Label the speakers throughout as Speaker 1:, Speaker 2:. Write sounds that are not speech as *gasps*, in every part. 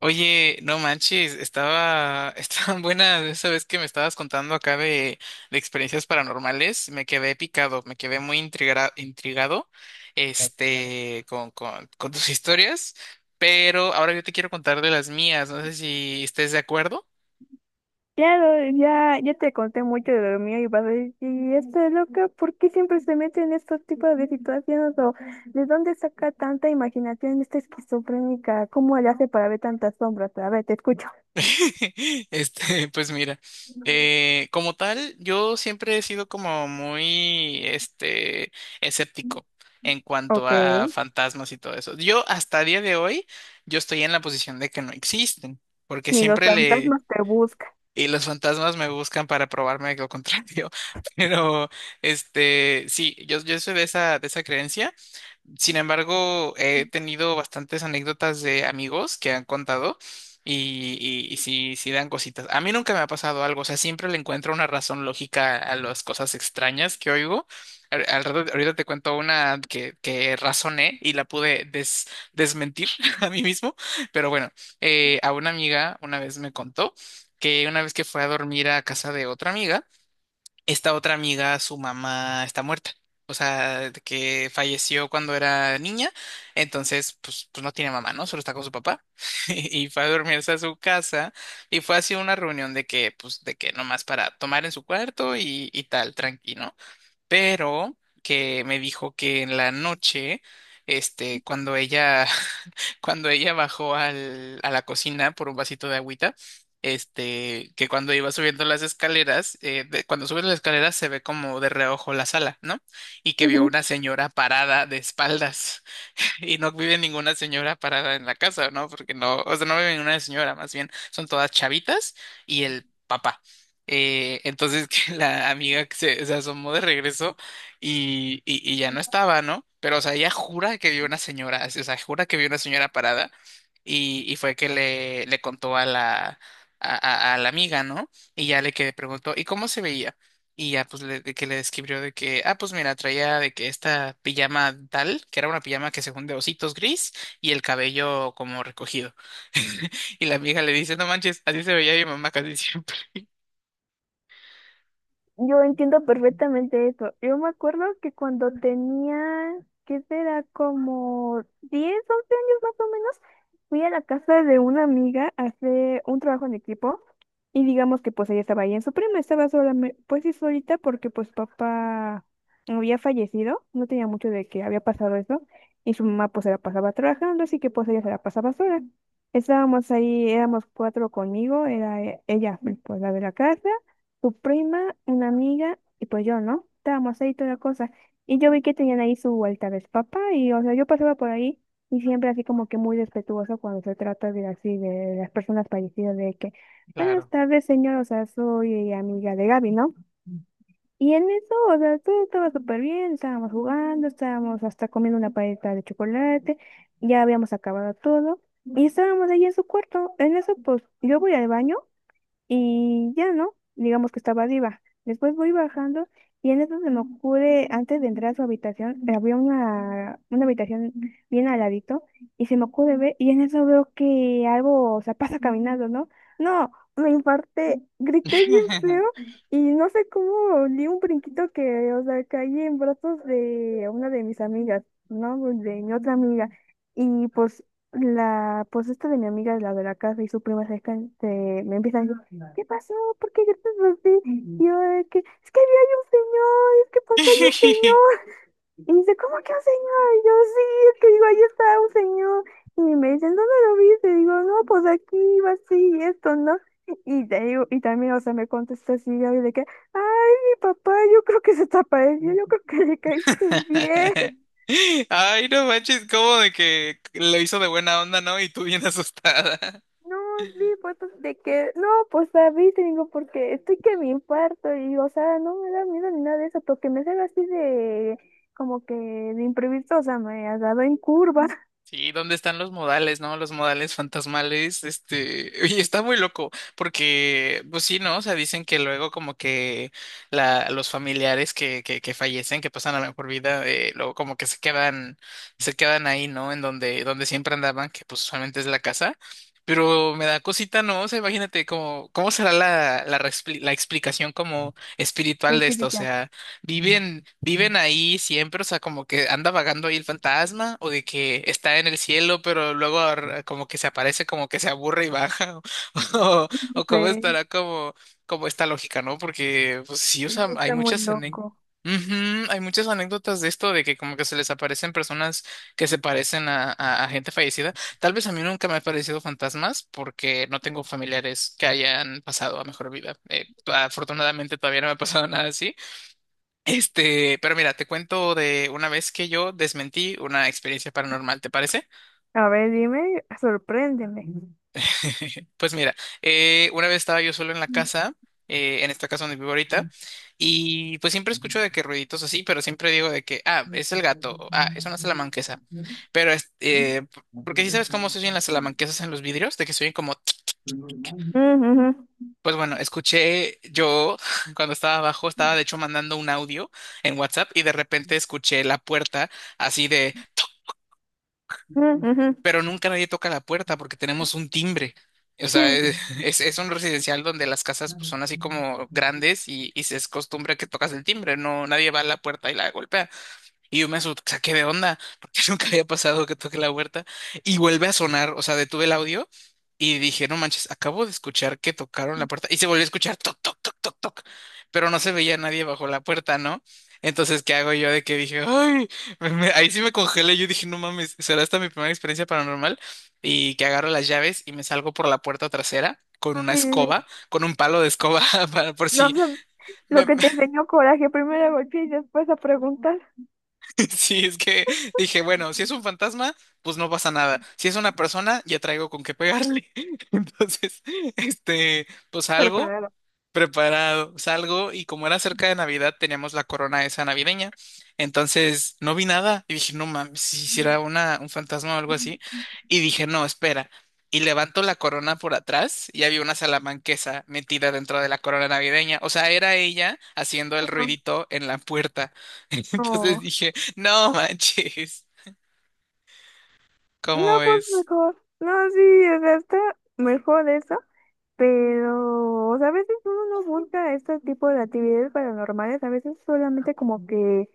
Speaker 1: Oye, no manches, *laughs* estaban buenas esa vez que me estabas contando acá de experiencias paranormales, me quedé picado, me quedé muy intrigado, con tus historias, pero ahora yo te quiero contar de las mías, no sé si estés de acuerdo.
Speaker 2: Claro, ya, ya te conté mucho de lo mío y vas a decir, "Y esta loca, ¿por qué siempre se mete en estos tipos de situaciones? ¿O de dónde saca tanta imaginación esta esquizofrénica? ¿Cómo le hace para ver tantas sombras?" A ver, te escucho.
Speaker 1: *laughs* Pues mira, como tal, yo siempre he sido como muy escéptico en cuanto
Speaker 2: Ok,
Speaker 1: a fantasmas y todo eso. Yo hasta día de hoy, yo estoy en la posición de que no existen, porque
Speaker 2: ni los
Speaker 1: siempre le,
Speaker 2: fantasmas te buscan.
Speaker 1: y los fantasmas me buscan para probarme lo contrario, *laughs* pero, sí, yo soy de esa creencia. Sin embargo, he tenido bastantes anécdotas de amigos que han contado y sí, sí dan cositas. A mí nunca me ha pasado algo, o sea, siempre le encuentro una razón lógica a las cosas extrañas que oigo. Ahorita te cuento una que razoné y la pude desmentir *laughs* a mí mismo, pero bueno, a una amiga una vez me contó que una vez que fue a dormir a casa de otra amiga, esta otra amiga, su mamá está muerta. O sea, de que falleció cuando era niña, entonces pues no tiene mamá, ¿no? Solo está con su papá. *laughs* Y fue a dormirse a su casa y fue así una reunión de que, pues, de que nomás para tomar en su cuarto y tal, tranquilo, pero que me dijo que en la noche, cuando ella, *laughs* cuando ella bajó a la cocina por un vasito de agüita, que cuando iba subiendo las escaleras, cuando subes las escaleras se ve como de reojo la sala, ¿no? Y que vio una señora parada de espaldas. *laughs* Y no vive ninguna señora parada en la casa, ¿no? Porque no, o sea, no vive ninguna señora, más bien son todas chavitas y el papá. Entonces *laughs* que la amiga se asomó de regreso y, y ya no estaba, ¿no? Pero, o sea, ella jura que vio una señora, así, o sea, jura que vio una señora parada y fue que le contó a la amiga, ¿no? Y ya le que preguntó, ¿y cómo se veía? Y ya pues de que le describió de que, ah, pues mira, traía de que esta pijama tal, que era una pijama que según de ositos gris y el cabello como recogido. *laughs* Y la vieja le dice, no manches, así se veía mi mamá casi siempre.
Speaker 2: Yo entiendo perfectamente eso. Yo me acuerdo que cuando tenía, ¿qué será? Como 10 11 años más o menos, fui a la casa de una amiga a hacer un trabajo en equipo y digamos que pues ella estaba ahí en su prima, estaba sola, pues sí solita porque pues papá había fallecido, no tenía mucho de que había pasado eso y su mamá pues se la pasaba trabajando, así que pues ella se la pasaba sola. Estábamos ahí, éramos cuatro conmigo, era ella, pues la de la casa tu prima, una amiga y pues yo, ¿no? Estábamos ahí toda la cosa. Y yo vi que tenían ahí su vuelta de papá y, o sea, yo pasaba por ahí y siempre así como que muy respetuoso cuando se trata de así, de las personas fallecidas, de que, buenas
Speaker 1: Claro.
Speaker 2: tardes, señor, o sea, soy amiga de Gaby, ¿no? Y en eso, o sea, todo estaba súper bien, estábamos jugando, estábamos hasta comiendo una paleta de chocolate, ya habíamos acabado todo y estábamos ahí en su cuarto. En eso, pues, yo voy al baño. Y ya, ¿no? Digamos que estaba arriba. Después voy bajando y en eso se me ocurre, antes de entrar a su habitación, había una habitación bien al ladito, y se me ocurre ver, y en eso veo que algo, o sea, pasa caminando, ¿no? No, me infarté, grité bien feo,
Speaker 1: *laughs*
Speaker 2: y no sé cómo di un brinquito que, o sea, caí en brazos de una de mis amigas, ¿no? Pues, de mi otra amiga, y pues la, pues esta de mi amiga, la de la casa, y su prima cerca, me empiezan a decir, ¿qué pasó? ¿Por qué gritas así? Y yo, de que, es que había un señor, es que pasó, hay un señor. Y dice, ¿cómo que un señor? Y yo, sí, es que digo, ahí está un señor. Y me dicen, ¿dónde lo viste? Y digo, no, pues aquí iba así, y esto, ¿no? Y te digo, y también, o sea, me contesta así, Gaby, de que, ay, mi papá, yo creo que se te apareció, yo creo que le caíste bien. *laughs*
Speaker 1: Ay, no manches, como de que lo hizo de buena onda, ¿no? Y tú bien asustada.
Speaker 2: No, sí, pues, pues, de que, no, pues, David, te digo, porque estoy que me infarto, y, o sea, no me da miedo ni nada de eso, porque me sale así de, como que de imprevisto, o sea, me ha dado en curva. *laughs*
Speaker 1: Sí, ¿dónde están los modales, no? Los modales fantasmales, *laughs* y está muy loco, porque, pues sí, ¿no? O sea, dicen que luego como que la, los familiares que fallecen, que pasan a la mejor vida, luego como que se quedan ahí, ¿no? En donde, donde siempre andaban, que pues usualmente es la casa, pero me da cosita, ¿no? O sea, imagínate cómo, cómo será la explicación como espiritual
Speaker 2: La
Speaker 1: de esto,
Speaker 2: chica
Speaker 1: o
Speaker 2: ya,
Speaker 1: sea. Viven, viven ahí siempre, o sea, como que anda vagando ahí el fantasma, o de que está en el cielo, pero luego como que se aparece, como que se aburre y baja, *laughs* o,
Speaker 2: no
Speaker 1: o cómo
Speaker 2: sé.
Speaker 1: estará como, como esta lógica, ¿no? Porque, pues sí, o
Speaker 2: Sí,
Speaker 1: sea,
Speaker 2: sí,
Speaker 1: hay
Speaker 2: está muy
Speaker 1: muchas anécdotas.
Speaker 2: loco.
Speaker 1: Hay muchas anécdotas de esto, de que como que se les aparecen personas que se parecen a gente fallecida. Tal vez a mí nunca me han parecido fantasmas porque no tengo familiares que hayan pasado a mejor vida. Afortunadamente todavía no me ha pasado *laughs* nada así. Pero mira, te cuento de una vez que yo desmentí una experiencia paranormal, ¿te parece?
Speaker 2: A ver, dime, sorpréndeme.
Speaker 1: *laughs* Pues mira, una vez estaba yo solo en la casa, en esta casa donde vivo ahorita, y pues siempre escucho de que ruiditos así, pero siempre digo de que, ah, es el gato, o, ah, es una salamanquesa, pero porque sí sabes cómo se oyen las salamanquesas en los vidrios, de que se oyen como, tsk, tsk.
Speaker 2: Mm, ujú.
Speaker 1: Pues bueno, escuché yo *laughs* cuando estaba abajo, estaba de hecho mandando un audio en WhatsApp y de repente escuché la puerta así de...
Speaker 2: Mm, ujú.
Speaker 1: pero nunca nadie toca la puerta porque tenemos un timbre. O
Speaker 2: Sí,
Speaker 1: sea,
Speaker 2: sí,
Speaker 1: es, *laughs* es un residencial donde las casas pues, son así como grandes y se es costumbre que tocas el timbre, no, nadie va a la puerta y la golpea. Y yo me asusté, o sea, ¿qué de onda? Porque *laughs* nunca había pasado que toque la huerta. Y vuelve a sonar, o sea, detuve el audio y dije, no manches, acabo de escuchar que tocaron la puerta. Y se volvió a escuchar toc, toc, toc, toc, toc. Pero no se veía nadie bajo la puerta, ¿no? Entonces, ¿qué hago yo de que dije, ay, ahí sí me congelé. Yo dije, no mames, será esta mi primera experiencia paranormal. Y que agarro las llaves y me salgo por la puerta trasera con una
Speaker 2: sí, sí, sí,
Speaker 1: escoba,
Speaker 2: sí.
Speaker 1: con un palo de escoba, *laughs* para, por
Speaker 2: No
Speaker 1: si.
Speaker 2: sé, lo que te enseñó coraje, primero a golpear y después a preguntar.
Speaker 1: *laughs* Sí, es que dije, bueno, si es un fantasma, pues no pasa nada. Si es una persona, ya traigo con qué pegarle. *laughs* Entonces, pues algo
Speaker 2: Preparado.
Speaker 1: preparado. Salgo y como era cerca de Navidad, teníamos la corona esa navideña. Entonces no vi nada y dije, no mames, si hiciera una, un fantasma o algo así. Y dije, no, espera. Y levanto la corona por atrás y había una salamanquesa metida dentro de la corona navideña. O sea, era ella haciendo el
Speaker 2: No,
Speaker 1: ruidito en la puerta. *laughs* Entonces
Speaker 2: no,
Speaker 1: dije, no manches,
Speaker 2: no,
Speaker 1: ¿cómo
Speaker 2: pues
Speaker 1: es?
Speaker 2: mejor. No, sí, o sea, está mejor eso. Pero, o sea, a veces uno no busca este tipo de actividades paranormales, a veces solamente como que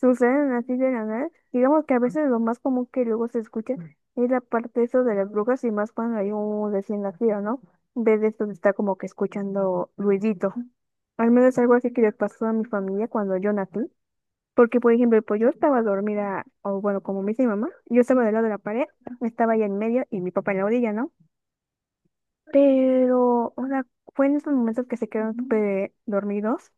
Speaker 2: suceden así de la nada. Digamos que a veces lo más común que luego se escucha es la parte eso de las brujas y más cuando hay un recién nacido, ¿no? En vez de esto de estar como que escuchando ruidito. Al menos algo así que le pasó a mi familia cuando yo nací. Porque, por ejemplo, pues yo estaba dormida, o bueno, como me dice mi mamá, yo estaba del lado de la pared, estaba allá en medio y mi papá en la orilla, ¿no? Pero, o sea, fue en esos momentos que se quedaron súper dormidos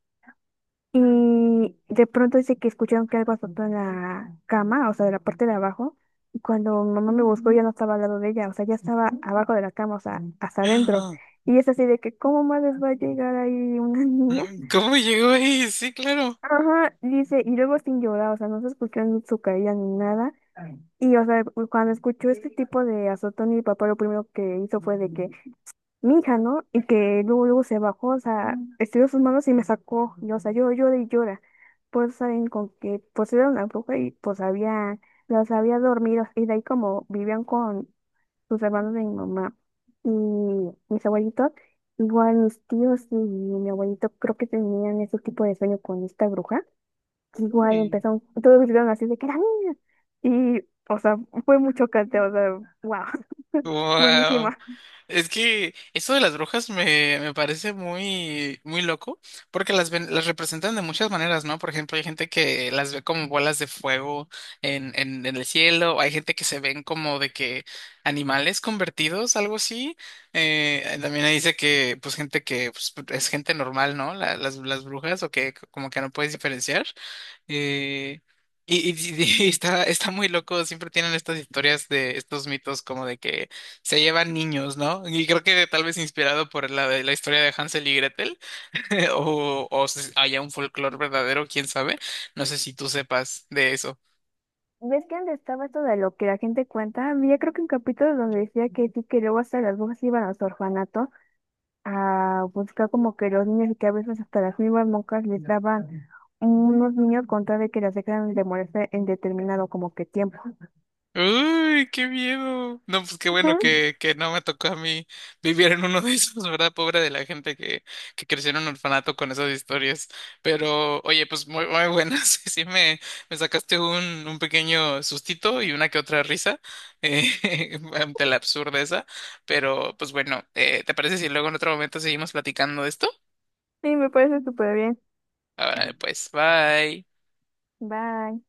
Speaker 2: y de pronto dice que escucharon que algo azotó en la cama, o sea, de la parte de abajo. Y cuando mamá me buscó ya no estaba al lado de ella, o sea, ya estaba abajo de la cama, o sea, hasta adentro. Y es así de que, ¿cómo más les va a llegar ahí una *laughs* niña?
Speaker 1: *gasps* ¿Cómo llegó ahí? Sí, claro.
Speaker 2: Ajá, dice, y luego sin llorar, o sea, no se escuchó ni su caída ni nada. Y, o sea, cuando escuchó este tipo de azotón, mi papá lo primero que hizo fue de que mi hija, ¿no? Y que luego, luego se bajó, o sea, estiró sus manos y me sacó, y, o sea, yo llora y llora. Pues saben con que, pues era una bruja y pues había, los había dormidos, y de ahí como vivían con sus hermanos de mi mamá y mis abuelitos, igual mis tíos y mi abuelito creo que tenían ese tipo de sueño con esta bruja, igual
Speaker 1: Uy,
Speaker 2: empezaron, todos gritaron así de que era niña, y, o sea, fue muy chocante, o sea, wow, *laughs*
Speaker 1: wow.
Speaker 2: buenísima.
Speaker 1: Es que eso de las brujas me, me parece muy, muy loco, porque las, las representan de muchas maneras, ¿no? Por ejemplo, hay gente que las ve como bolas de fuego en el cielo, hay gente que se ven como de que animales convertidos, algo así. También ahí dice que, pues, gente que pues, es gente normal, ¿no? Las brujas, o que como que no puedes diferenciar. Eh, y, y- *laughs* está, está muy loco, siempre tienen estas historias de estos mitos como de que se llevan niños, ¿no? Y creo que tal vez inspirado por la historia de Hansel y Gretel, *laughs* o si haya un folclore verdadero, quién sabe. No sé si tú sepas de eso.
Speaker 2: ¿Ves que antes estaba esto de lo que la gente cuenta? Había creo que un capítulo donde decía que sí, que luego hasta las monjas iban a los orfanatos a buscar como que los niños y que a veces hasta las mismas monjas les daban unos niños con tal de que las dejaran de molestar en determinado como que tiempo.
Speaker 1: Uy, qué miedo. No, pues qué bueno
Speaker 2: Ujú.
Speaker 1: que no me tocó a mí vivir en uno de esos, ¿verdad? Pobre de la gente que creció en un orfanato con esas historias. Pero, oye, pues muy, muy buenas. *laughs* Sí, me sacaste un pequeño sustito y una que otra risa *laughs* ante la absurdeza. Pero, pues bueno, ¿te parece si luego en otro momento seguimos platicando de esto?
Speaker 2: Sí, me parece súper bien.
Speaker 1: Ahora, pues, bye.
Speaker 2: Bye.